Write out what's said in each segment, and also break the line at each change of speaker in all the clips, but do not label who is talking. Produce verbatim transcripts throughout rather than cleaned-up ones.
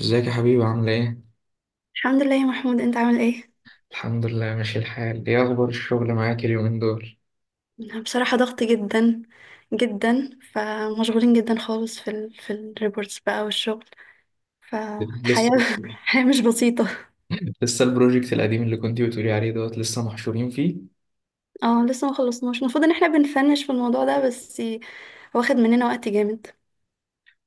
ازيك يا حبيبي، عاملة ايه؟
الحمد لله يا محمود، انت عامل ايه؟
الحمد لله ماشي الحال، ايه أخبار الشغل معاك اليومين دول؟
انا بصراحة ضغط جدا جدا، فمشغولين جدا خالص في ال في الريبورتس بقى والشغل. فالحياة
لسه
الحياة مش بسيطة.
لسه البروجكت القديم اللي كنتي بتقولي عليه دوت لسه محشورين فيه؟
اه، لسه ما خلصناش. المفروض ان احنا بنفنش في الموضوع ده، بس واخد مننا وقت جامد.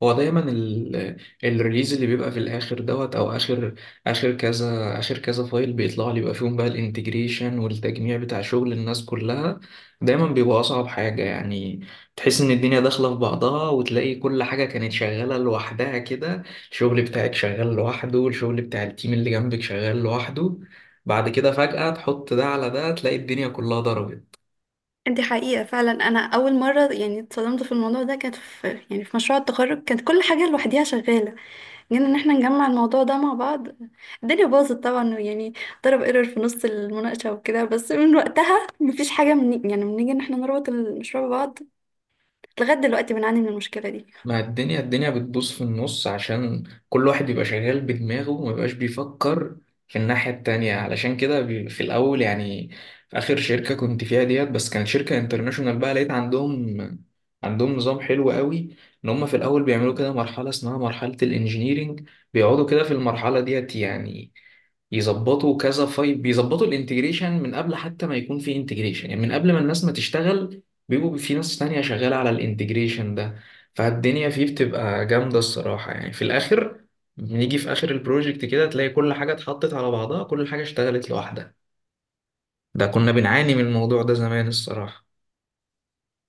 هو دايما ال- الريليز اللي بيبقى في الاخر دوت، او اخر، اخر كذا اخر كذا فايل بيطلع لي بيبقى فيهم بقى الانتجريشن والتجميع بتاع شغل الناس كلها، دايما بيبقى اصعب حاجة يعني. تحس ان الدنيا داخلة في بعضها وتلاقي كل حاجة كانت شغالة لوحدها كده، الشغل بتاعك شغال لوحده، الشغل بتاع التيم اللي جنبك شغال لوحده، بعد كده فجأة تحط ده على ده تلاقي الدنيا كلها ضربت.
دي حقيقة فعلا، انا اول مرة يعني اتصدمت في الموضوع ده كانت في يعني في مشروع التخرج. كانت كل حاجة لوحديها شغالة، يعني ان احنا نجمع الموضوع ده مع بعض، الدنيا باظت طبعا يعني. ضرب ايرور في نص المناقشة وكده، بس من وقتها مفيش حاجة، من يعني بنيجي ان احنا نربط المشروع ببعض، لغاية دلوقتي بنعاني من المشكلة دي.
ما الدنيا الدنيا بتبوظ في النص عشان كل واحد يبقى شغال بدماغه وما يبقاش بيفكر في الناحية التانية، علشان كده بي- في الأول يعني، في آخر شركة كنت فيها ديت، بس كانت شركة انترناشونال بقى لقيت عندهم عندهم نظام حلو قوي. إن هم في الأول بيعملوا كده مرحلة اسمها مرحلة الإنجينيرينج، بيقعدوا كده في المرحلة ديت يعني يظبطوا كذا فايل، بيظبطوا الانتجريشن من قبل حتى ما يكون في انتجريشن، يعني من قبل ما الناس ما تشتغل بيبقوا في ناس تانية شغالة على الانتجريشن ده. فالدنيا فيه بتبقى جامدة الصراحة، يعني في الآخر بنيجي في آخر البروجكت كده تلاقي كل حاجة اتحطت على بعضها، كل حاجة اشتغلت لوحدها. ده كنا بنعاني من الموضوع ده زمان الصراحة.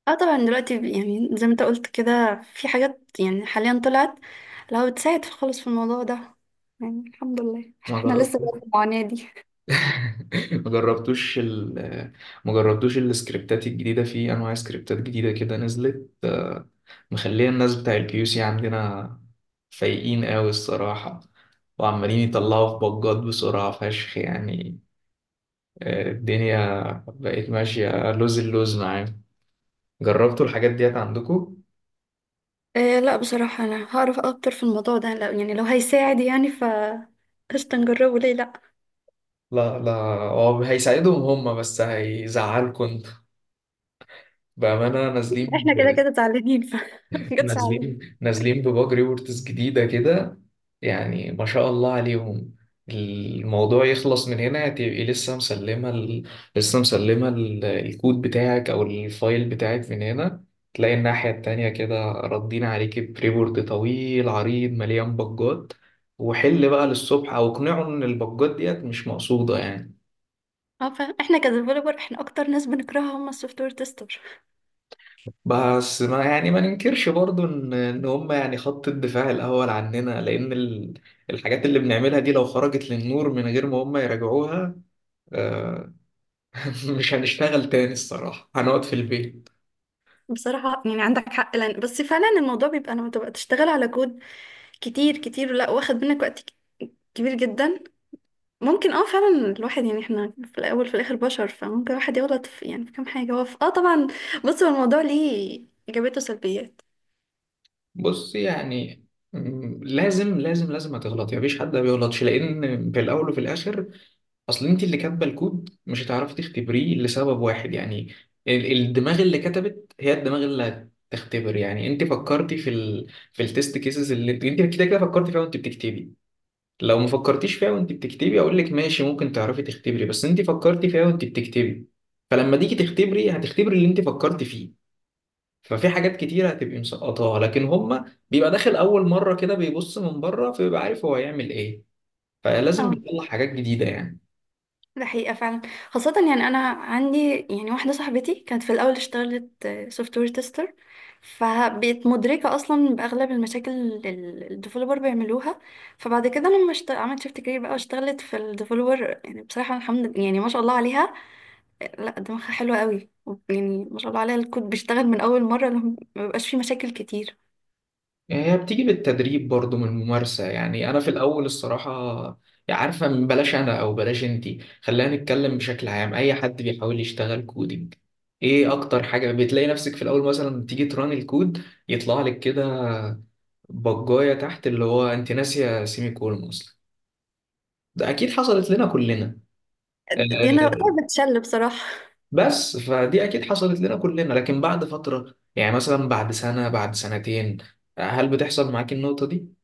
اه طبعا، دلوقتي ب- يعني زي ما انت قلت كده، في حاجات يعني حاليا طلعت لو بتساعد في- خالص في الموضوع ده. يعني الحمد لله
ما
احنا لسه
جربتوش،
في المعاناة دي.
ما جربتوش ال ما جربتوش السكريبتات الجديدة؟ في أنواع سكريبتات جديدة كده نزلت، مخليه الناس بتاع الكيو سي عندنا فايقين قوي الصراحة، وعمالين يطلعوا في بجات بسرعة فشخ يعني. آه، الدنيا بقت ماشية لوز اللوز معاهم. جربتوا الحاجات ديت عندكم؟
إيه، لا بصراحة، انا هعرف اكتر في الموضوع ده، لو يعني لو هيساعد يعني ف قشطة، نجربه ليه لا؟
لا لا، هو هيساعدهم هم بس هيزعلكم انت. بأمانة نازلين،
احنا كده كده زعلانين ف مجتش.
نازلين نازلين بباج ريبورتس جديدة كده، يعني ما شاء الله عليهم. الموضوع يخلص من هنا تبقي لسه مسلمة ال... لسه مسلمة ال... الكود بتاعك أو الفايل بتاعك من هنا، تلاقي الناحية التانية كده ردين عليكي بريبورت طويل عريض مليان بجات، وحل بقى للصبح أو اقنعه إن البجات ديت مش مقصودة يعني.
اه، فاهم، احنا كديفلوبر احنا اكتر ناس بنكرهها هم السوفت وير تيستر.
بس ما يعني ما ننكرش برضو ان ان هم يعني خط الدفاع الاول عننا، لان ال- الحاجات اللي بنعملها دي لو خرجت للنور من غير ما هم يراجعوها، آه، مش هنشتغل تاني الصراحة، هنقعد في البيت.
بصراحه يعني عندك حق، لان بس فعلا الموضوع بيبقى لما تبقى تشتغل على كود كتير كتير، لا واخد منك وقت ك- كبير جدا. ممكن، اه فعلا، الواحد يعني احنا في الاول في الاخر بشر، فممكن الواحد يغلط في يعني في كام حاجه، هو في- اه طبعا. بص، هو الموضوع ليه ايجابيات وسلبيات.
بص يعني، م، لازم لازم لازم هتغلط يعني، مفيش حد ما بيغلطش، لان في الاول وفي الاخر اصل انت اللي كاتبه الكود مش هتعرفي تختبريه لسبب واحد يعني، ال- الدماغ اللي كتبت هي الدماغ اللي هتختبر. يعني انت فكرتي في ال... في التست كيسز اللي انت انت كده كده فكرتي فيها وانت بتكتبي، لو ما فكرتيش فيها وانت بتكتبي اقول لك ماشي، ممكن تعرفي تختبري، بس انت فكرتي فيها وانت بتكتبي، فلما تيجي تختبري هتختبري اللي انت فكرتي فيه. ففي حاجات كتيرة هتبقي مسقطاها، لكن هما بيبقى داخل أول مرة كده بيبص من بره فبيبقى عارف هو هيعمل إيه، فلازم
اه،
بيطلع حاجات جديدة يعني.
ده حقيقة فعلا، خاصة يعني أنا عندي يعني واحدة صاحبتي، كانت في الأول اشتغلت سوفت وير تيستر، فبقت مدركة أصلا بأغلب المشاكل اللي الديفلوبر بيعملوها. فبعد كده، لما اشت... عملت شيفت كارير بقى واشتغلت في الديفلوبر، يعني بصراحة الحمد لله، يعني ما شاء الله عليها، لا دماغها حلوة قوي. يعني ما شاء الله عليها، الكود بيشتغل من أول مرة، لما- ما بيبقاش فيه مشاكل كتير.
يعني هي بتيجي بالتدريب برضو من الممارسة. يعني أنا في الأول الصراحة، يعني عارفة، من بلاش أنا أو بلاش أنتي، خلينا نتكلم بشكل عام، أي حد بيحاول يشتغل كودينج، إيه أكتر حاجة بتلاقي نفسك في الأول؟ مثلا تيجي تران الكود يطلع لك كده بجاية تحت اللي هو أنت ناسية سيمي كولون أصلا. ده أكيد حصلت لنا كلنا.
دي أنا
آه،
وقتها بتشل بصراحة.
بس فدي أكيد حصلت لنا كلنا، لكن بعد فترة يعني مثلا بعد سنة بعد سنتين، هل بتحصل معاك النقطة دي؟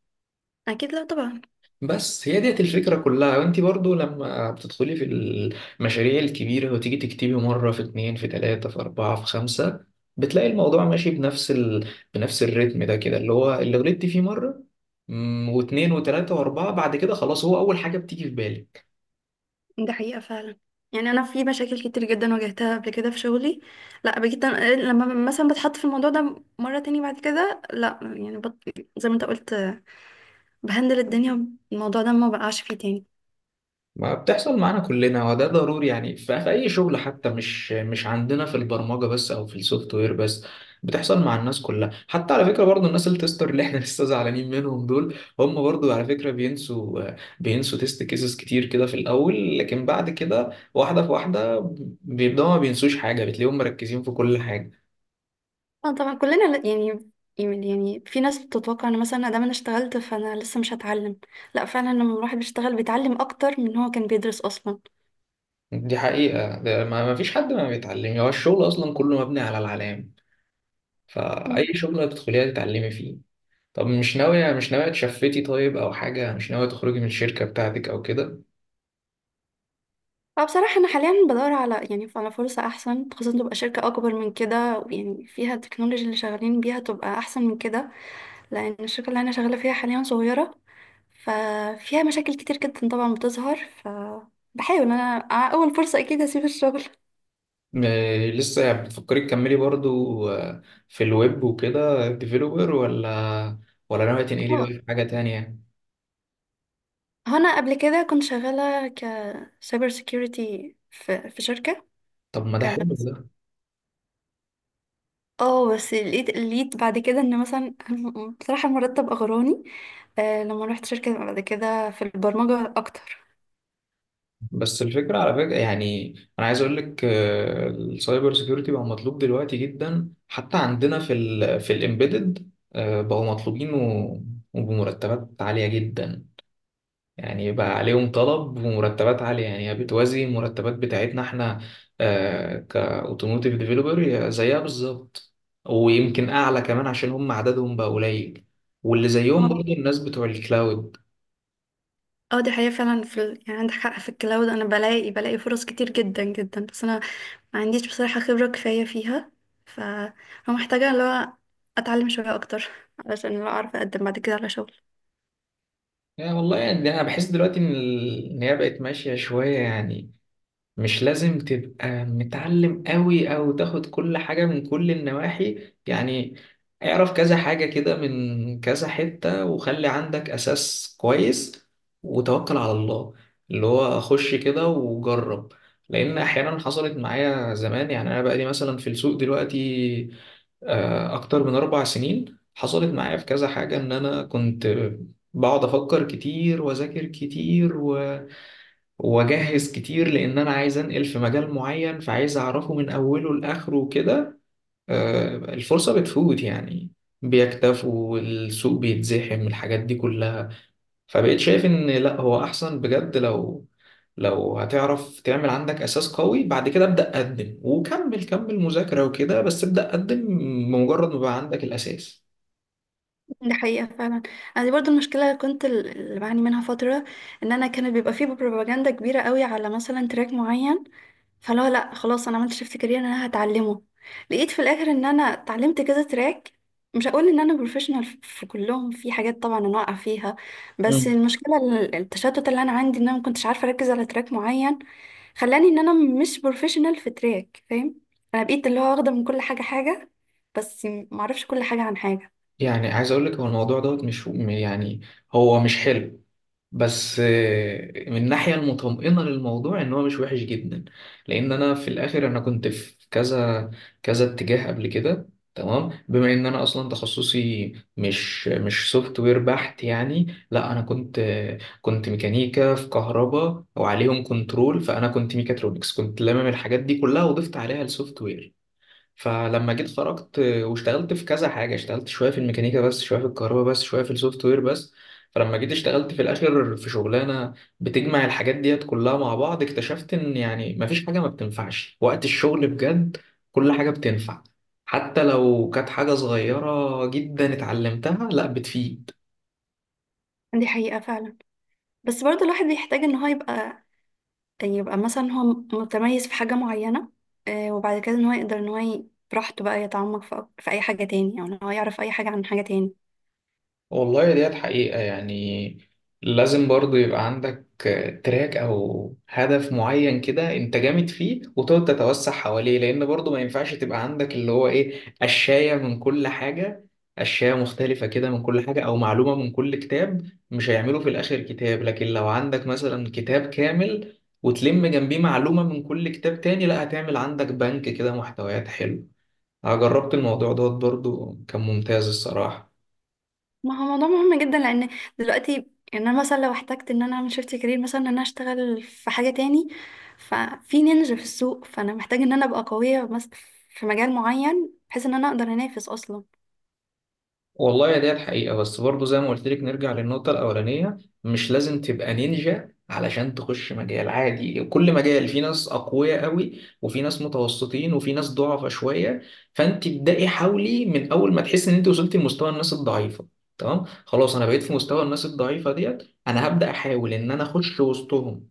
أكيد، لا طبعا.
بس هي ديت الفكرة كلها. وانت برضو لما بتدخلي في المشاريع الكبيرة وتيجي تكتبي مرة، في اتنين في تلاتة في أربعة في خمسة بتلاقي الموضوع ماشي بنفس ال... بنفس الريتم ده كده، اللي هو اللي غلطتي فيه مرة مم، واتنين وتلاتة وأربعة، بعد كده خلاص هو أول حاجة بتيجي في بالك.
ده حقيقة فعلا، يعني أنا في مشاكل كتير جدا واجهتها قبل كده في شغلي. لا بجد، لما مثلا بتحط في الموضوع ده مرة تاني بعد كده، لا يعني بط... زي ما انت قلت، بهندل الدنيا، الموضوع ده ما بقعش فيه تاني.
ما بتحصل معانا كلنا، وده ضروري يعني في في اي شغل، حتى مش مش عندنا في البرمجه بس او في السوفت وير بس، بتحصل مع الناس كلها. حتى على فكره برضو الناس التستر اللي احنا لسه زعلانين منهم دول، هم برضو على فكره بينسوا، بينسوا تيست كيسز كتير كده في الاول، لكن بعد كده واحده في واحده بيبداوا ما بينسوش حاجه، بتلاقيهم مركزين في كل حاجه.
اه طبعا كلنا ل- يعني يعني يعني، في ناس بتتوقع ان مثلا دام انا اشتغلت فانا لسه مش هتعلم. لا فعلا، لما الواحد بيشتغل بيتعلم اكتر من هو كان بيدرس اصلا.
دي حقيقه، ده ما ما فيش حد ما بيتعلم، هو الشغل اصلا كله مبني على العلام، فاي شغل هتدخليها تتعلمي فيه. طب مش ناوية، مش ناوية تشفتي طيب أو حاجة، مش ناوية تخرجي من الشركة بتاعتك أو كده؟
فبصراحة أنا حاليا بدور على يعني على فرصة أحسن، خاصة تبقى شركة أكبر من كده، ويعني فيها التكنولوجيا اللي شغالين بيها تبقى أحسن من كده. لأن الشركة اللي أنا شغالة فيها حاليا صغيرة، ففيها مشاكل كتير جدا طبعا بتظهر، فبحاول أنا على أول فرصة أكيد هسيب الشغل.
م- لسه بتفكري تكملي برضو؟ آه، في الويب وكده ديفيلوبر، ولا ولا ناوية تنقلي بقى
اه،
في حاجة تانية؟
هنا قبل كده كنت شغالة كسايبر سيكيورتي في في شركة.
طب ما ده
آه،
حلو
بس،
ده.
اه، بس لقيت لقيت بعد كده ان مثلا بصراحة المرتب اغراني. آه لما رحت شركة بعد كده في البرمجة اكتر.
بس الفكرة على فكرة، يعني أنا عايز أقول لك، آه، السايبر سيكيورتي بقى مطلوب دلوقتي جدا، حتى عندنا في ال في الإمبيدد بقوا مطلوبين و- وبمرتبات عالية جدا، يعني بقى عليهم طلب ومرتبات عالية. يعني هي بتوازي المرتبات بتاعتنا احنا، آه كاوتوموتيف ديفيلوبر زيها بالظبط، ويمكن أعلى كمان عشان هم عددهم بقى قليل. واللي زيهم برضه
اه،
الناس بتوع الكلاود.
اه، دي حقيقة فعلا، في ال... يعني عندك حق، في الكلاود انا بلاقي بلاقي فرص كتير جدا جدا، بس انا ما عنديش بصراحة خبرة كفاية فيها، ف فمحتاجة اللي هو اتعلم شوية اكتر، علشان لو اعرف اقدم بعد كده على شغل.
يعني والله يعني أنا بحس دلوقتي إن ال- إن هي بقت ماشية شوية يعني، مش لازم تبقى متعلم قوي او تاخد كل حاجة من كل النواحي يعني. اعرف كذا حاجة كده من كذا حتة، وخلي عندك اساس كويس، وتوكل على الله، اللي هو خش كده وجرب. لان احيانا حصلت معايا زمان، يعني انا بقالي مثلا في السوق دلوقتي آه، اكتر من اربع سنين، حصلت معايا في كذا حاجة ان انا كنت بقعد افكر كتير واذاكر كتير واجهز كتير، لان انا عايز انقل في مجال معين فعايز اعرفه من اوله لاخره كده، آه، الفرصه بتفوت يعني، بيكتفوا السوق، بيتزحم، الحاجات دي كلها. فبقيت شايف ان لا، هو احسن بجد لو لو هتعرف تعمل عندك اساس قوي، بعد كده ابدا قدم وكمل، كمل مذاكره وكده، بس ابدا قدم بمجرد ما بقى عندك الاساس.
دي حقيقة فعلا، انا دي برضو المشكلة اللي كنت ال- اللي بعاني منها فترة. ان انا كانت بيبقى فيه بروباجندا كبيرة قوي على مثلا تراك معين، فلا، لا، خلاص، انا عملت شيفت كارير انا هتعلمه. لقيت في الاخر ان انا اتعلمت كذا تراك، مش هقول ان انا بروفيشنال في كلهم، في حاجات طبعا انا واقعه فيها. بس
مم.
المشكله ال- التشتت اللي انا عندي، ان انا ما كنتش عارفه اركز على تراك معين، خلاني ان انا مش بروفيشنال في تراك، فاهم؟ انا بقيت اللي هو واخده من كل حاجه حاجه، بس ما اعرفش كل حاجه عن حاجه.
يعني عايز اقول لك، هو الموضوع دوت مش يعني، هو مش حلو، بس آه، من الناحية المطمئنة للموضوع إن هو مش وحش جدا، لأن أنا في الآخر أنا كنت في كذا، كذا اتجاه قبل كده. تمام، بما إن أنا أصلا تخصصي مش مش سوفت وير بحت يعني، لا أنا كنت آه، كنت ميكانيكا في كهرباء وعليهم كنترول، فأنا كنت ميكاترونكس، كنت لامم الحاجات دي كلها وضفت عليها السوفت وير. فلما جيت خرجت واشتغلت في كذا حاجة، اشتغلت شوية في الميكانيكا بس، شوية في الكهرباء بس، شوية في السوفت وير بس، فلما جيت اشتغلت في الآخر في شغلانة بتجمع الحاجات ديت كلها مع بعض، اكتشفت إن يعني مفيش حاجة ما بتنفعش وقت الشغل بجد، كل حاجة بتنفع، حتى لو كانت حاجة صغيرة جدا اتعلمتها لا بتفيد.
دي حقيقه فعلا، بس برضه الواحد بيحتاج ان هو يبقى يبقى مثلا هو متميز في حاجة معينة. آه، وبعد كده ان هو يقدر ان هو ي- براحته بقى يتعمق في أك- في اي حاجة تاني، او ان هو يعرف اي حاجة عن حاجة تاني.
والله ديت حقيقة، يعني لازم برضو يبقى عندك تراك أو هدف معين كده أنت جامد فيه وتقعد تتوسع حواليه، لأن برضو ما ينفعش تبقى عندك اللي هو إيه، قشاية من كل حاجة، قشاية مختلفة كده من كل حاجة، أو معلومة من كل كتاب مش هيعملوا في الآخر كتاب. لكن لو عندك مثلا كتاب كامل وتلم جنبيه معلومة من كل كتاب تاني، لا هتعمل عندك بنك كده محتويات حلو. أنا جربت الموضوع دوت برضو، كان ممتاز الصراحة.
ما هو موضوع مهم جدا لان دلوقتي، يعني انا مثلا لو احتجت ان انا اعمل شيفت كارير، مثلا ان انا اشتغل في حاجة تاني، ففي نينجا في السوق، فانا محتاجة ان انا ابقى قوية مس- في مجال معين، بحيث ان انا اقدر انافس اصلا.
والله يا ديت حقيقة، بس برضو زي ما قلت لك نرجع للنقطة الأولانية، مش لازم تبقى نينجا علشان تخش مجال عادي. كل مجال في ناس أقوياء قوي، وفي ناس متوسطين، وفي ناس ضعفة شوية، فأنت ابدأي حاولي من أول ما تحس إن أنت وصلتي لمستوى الناس الضعيفة. تمام خلاص، أنا بقيت في مستوى الناس الضعيفة ديت، أنا هبدأ أحاول إن أنا أخش وسطهم،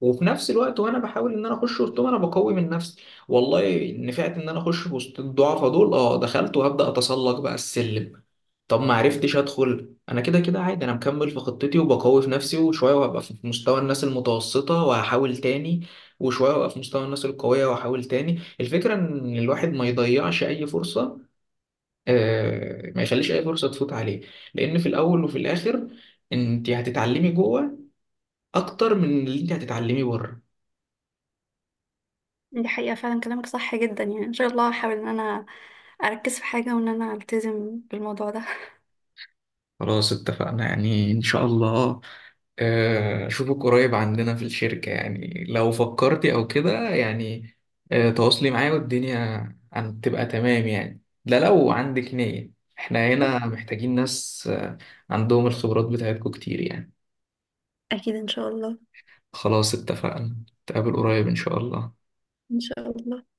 وفي نفس الوقت وانا بحاول ان انا اخش وسطهم انا بقوي من نفسي. والله نفعت ان انا اخش وسط الضعفاء دول، اه دخلت وهبدا اتسلق بقى السلم. طب ما عرفتش ادخل، انا كده كده عادي، انا مكمل في خطتي وبقوي في نفسي، وشويه وهبقى في مستوى الناس المتوسطه وهحاول تاني، وشويه وهبقى في مستوى الناس القويه وهحاول تاني. الفكره ان الواحد ما يضيعش اي فرصه، آه، ما يخليش اي فرصه تفوت عليه، لان في الاول وفي الاخر انت هتتعلمي جوه اكتر من اللي انت هتتعلمي بره.
دي حقيقة فعلا، كلامك صح جدا، يعني ان شاء الله هحاول ان انا اركز في حاجة، وان انا التزم بالموضوع ده.
خلاص اتفقنا يعني، ان شاء الله آه، أشوفك قريب عندنا في الشركة، يعني لو فكرتي أو كده يعني آه، تواصلي معايا والدنيا هتبقى تمام يعني. ده لو عندك نية، احنا هنا محتاجين ناس آه، عندهم الخبرات بتاعتكم كتير يعني.
اكيد ان شاء الله.
خلاص اتفقنا، نتقابل قريب إن شاء الله.
ان شاء الله.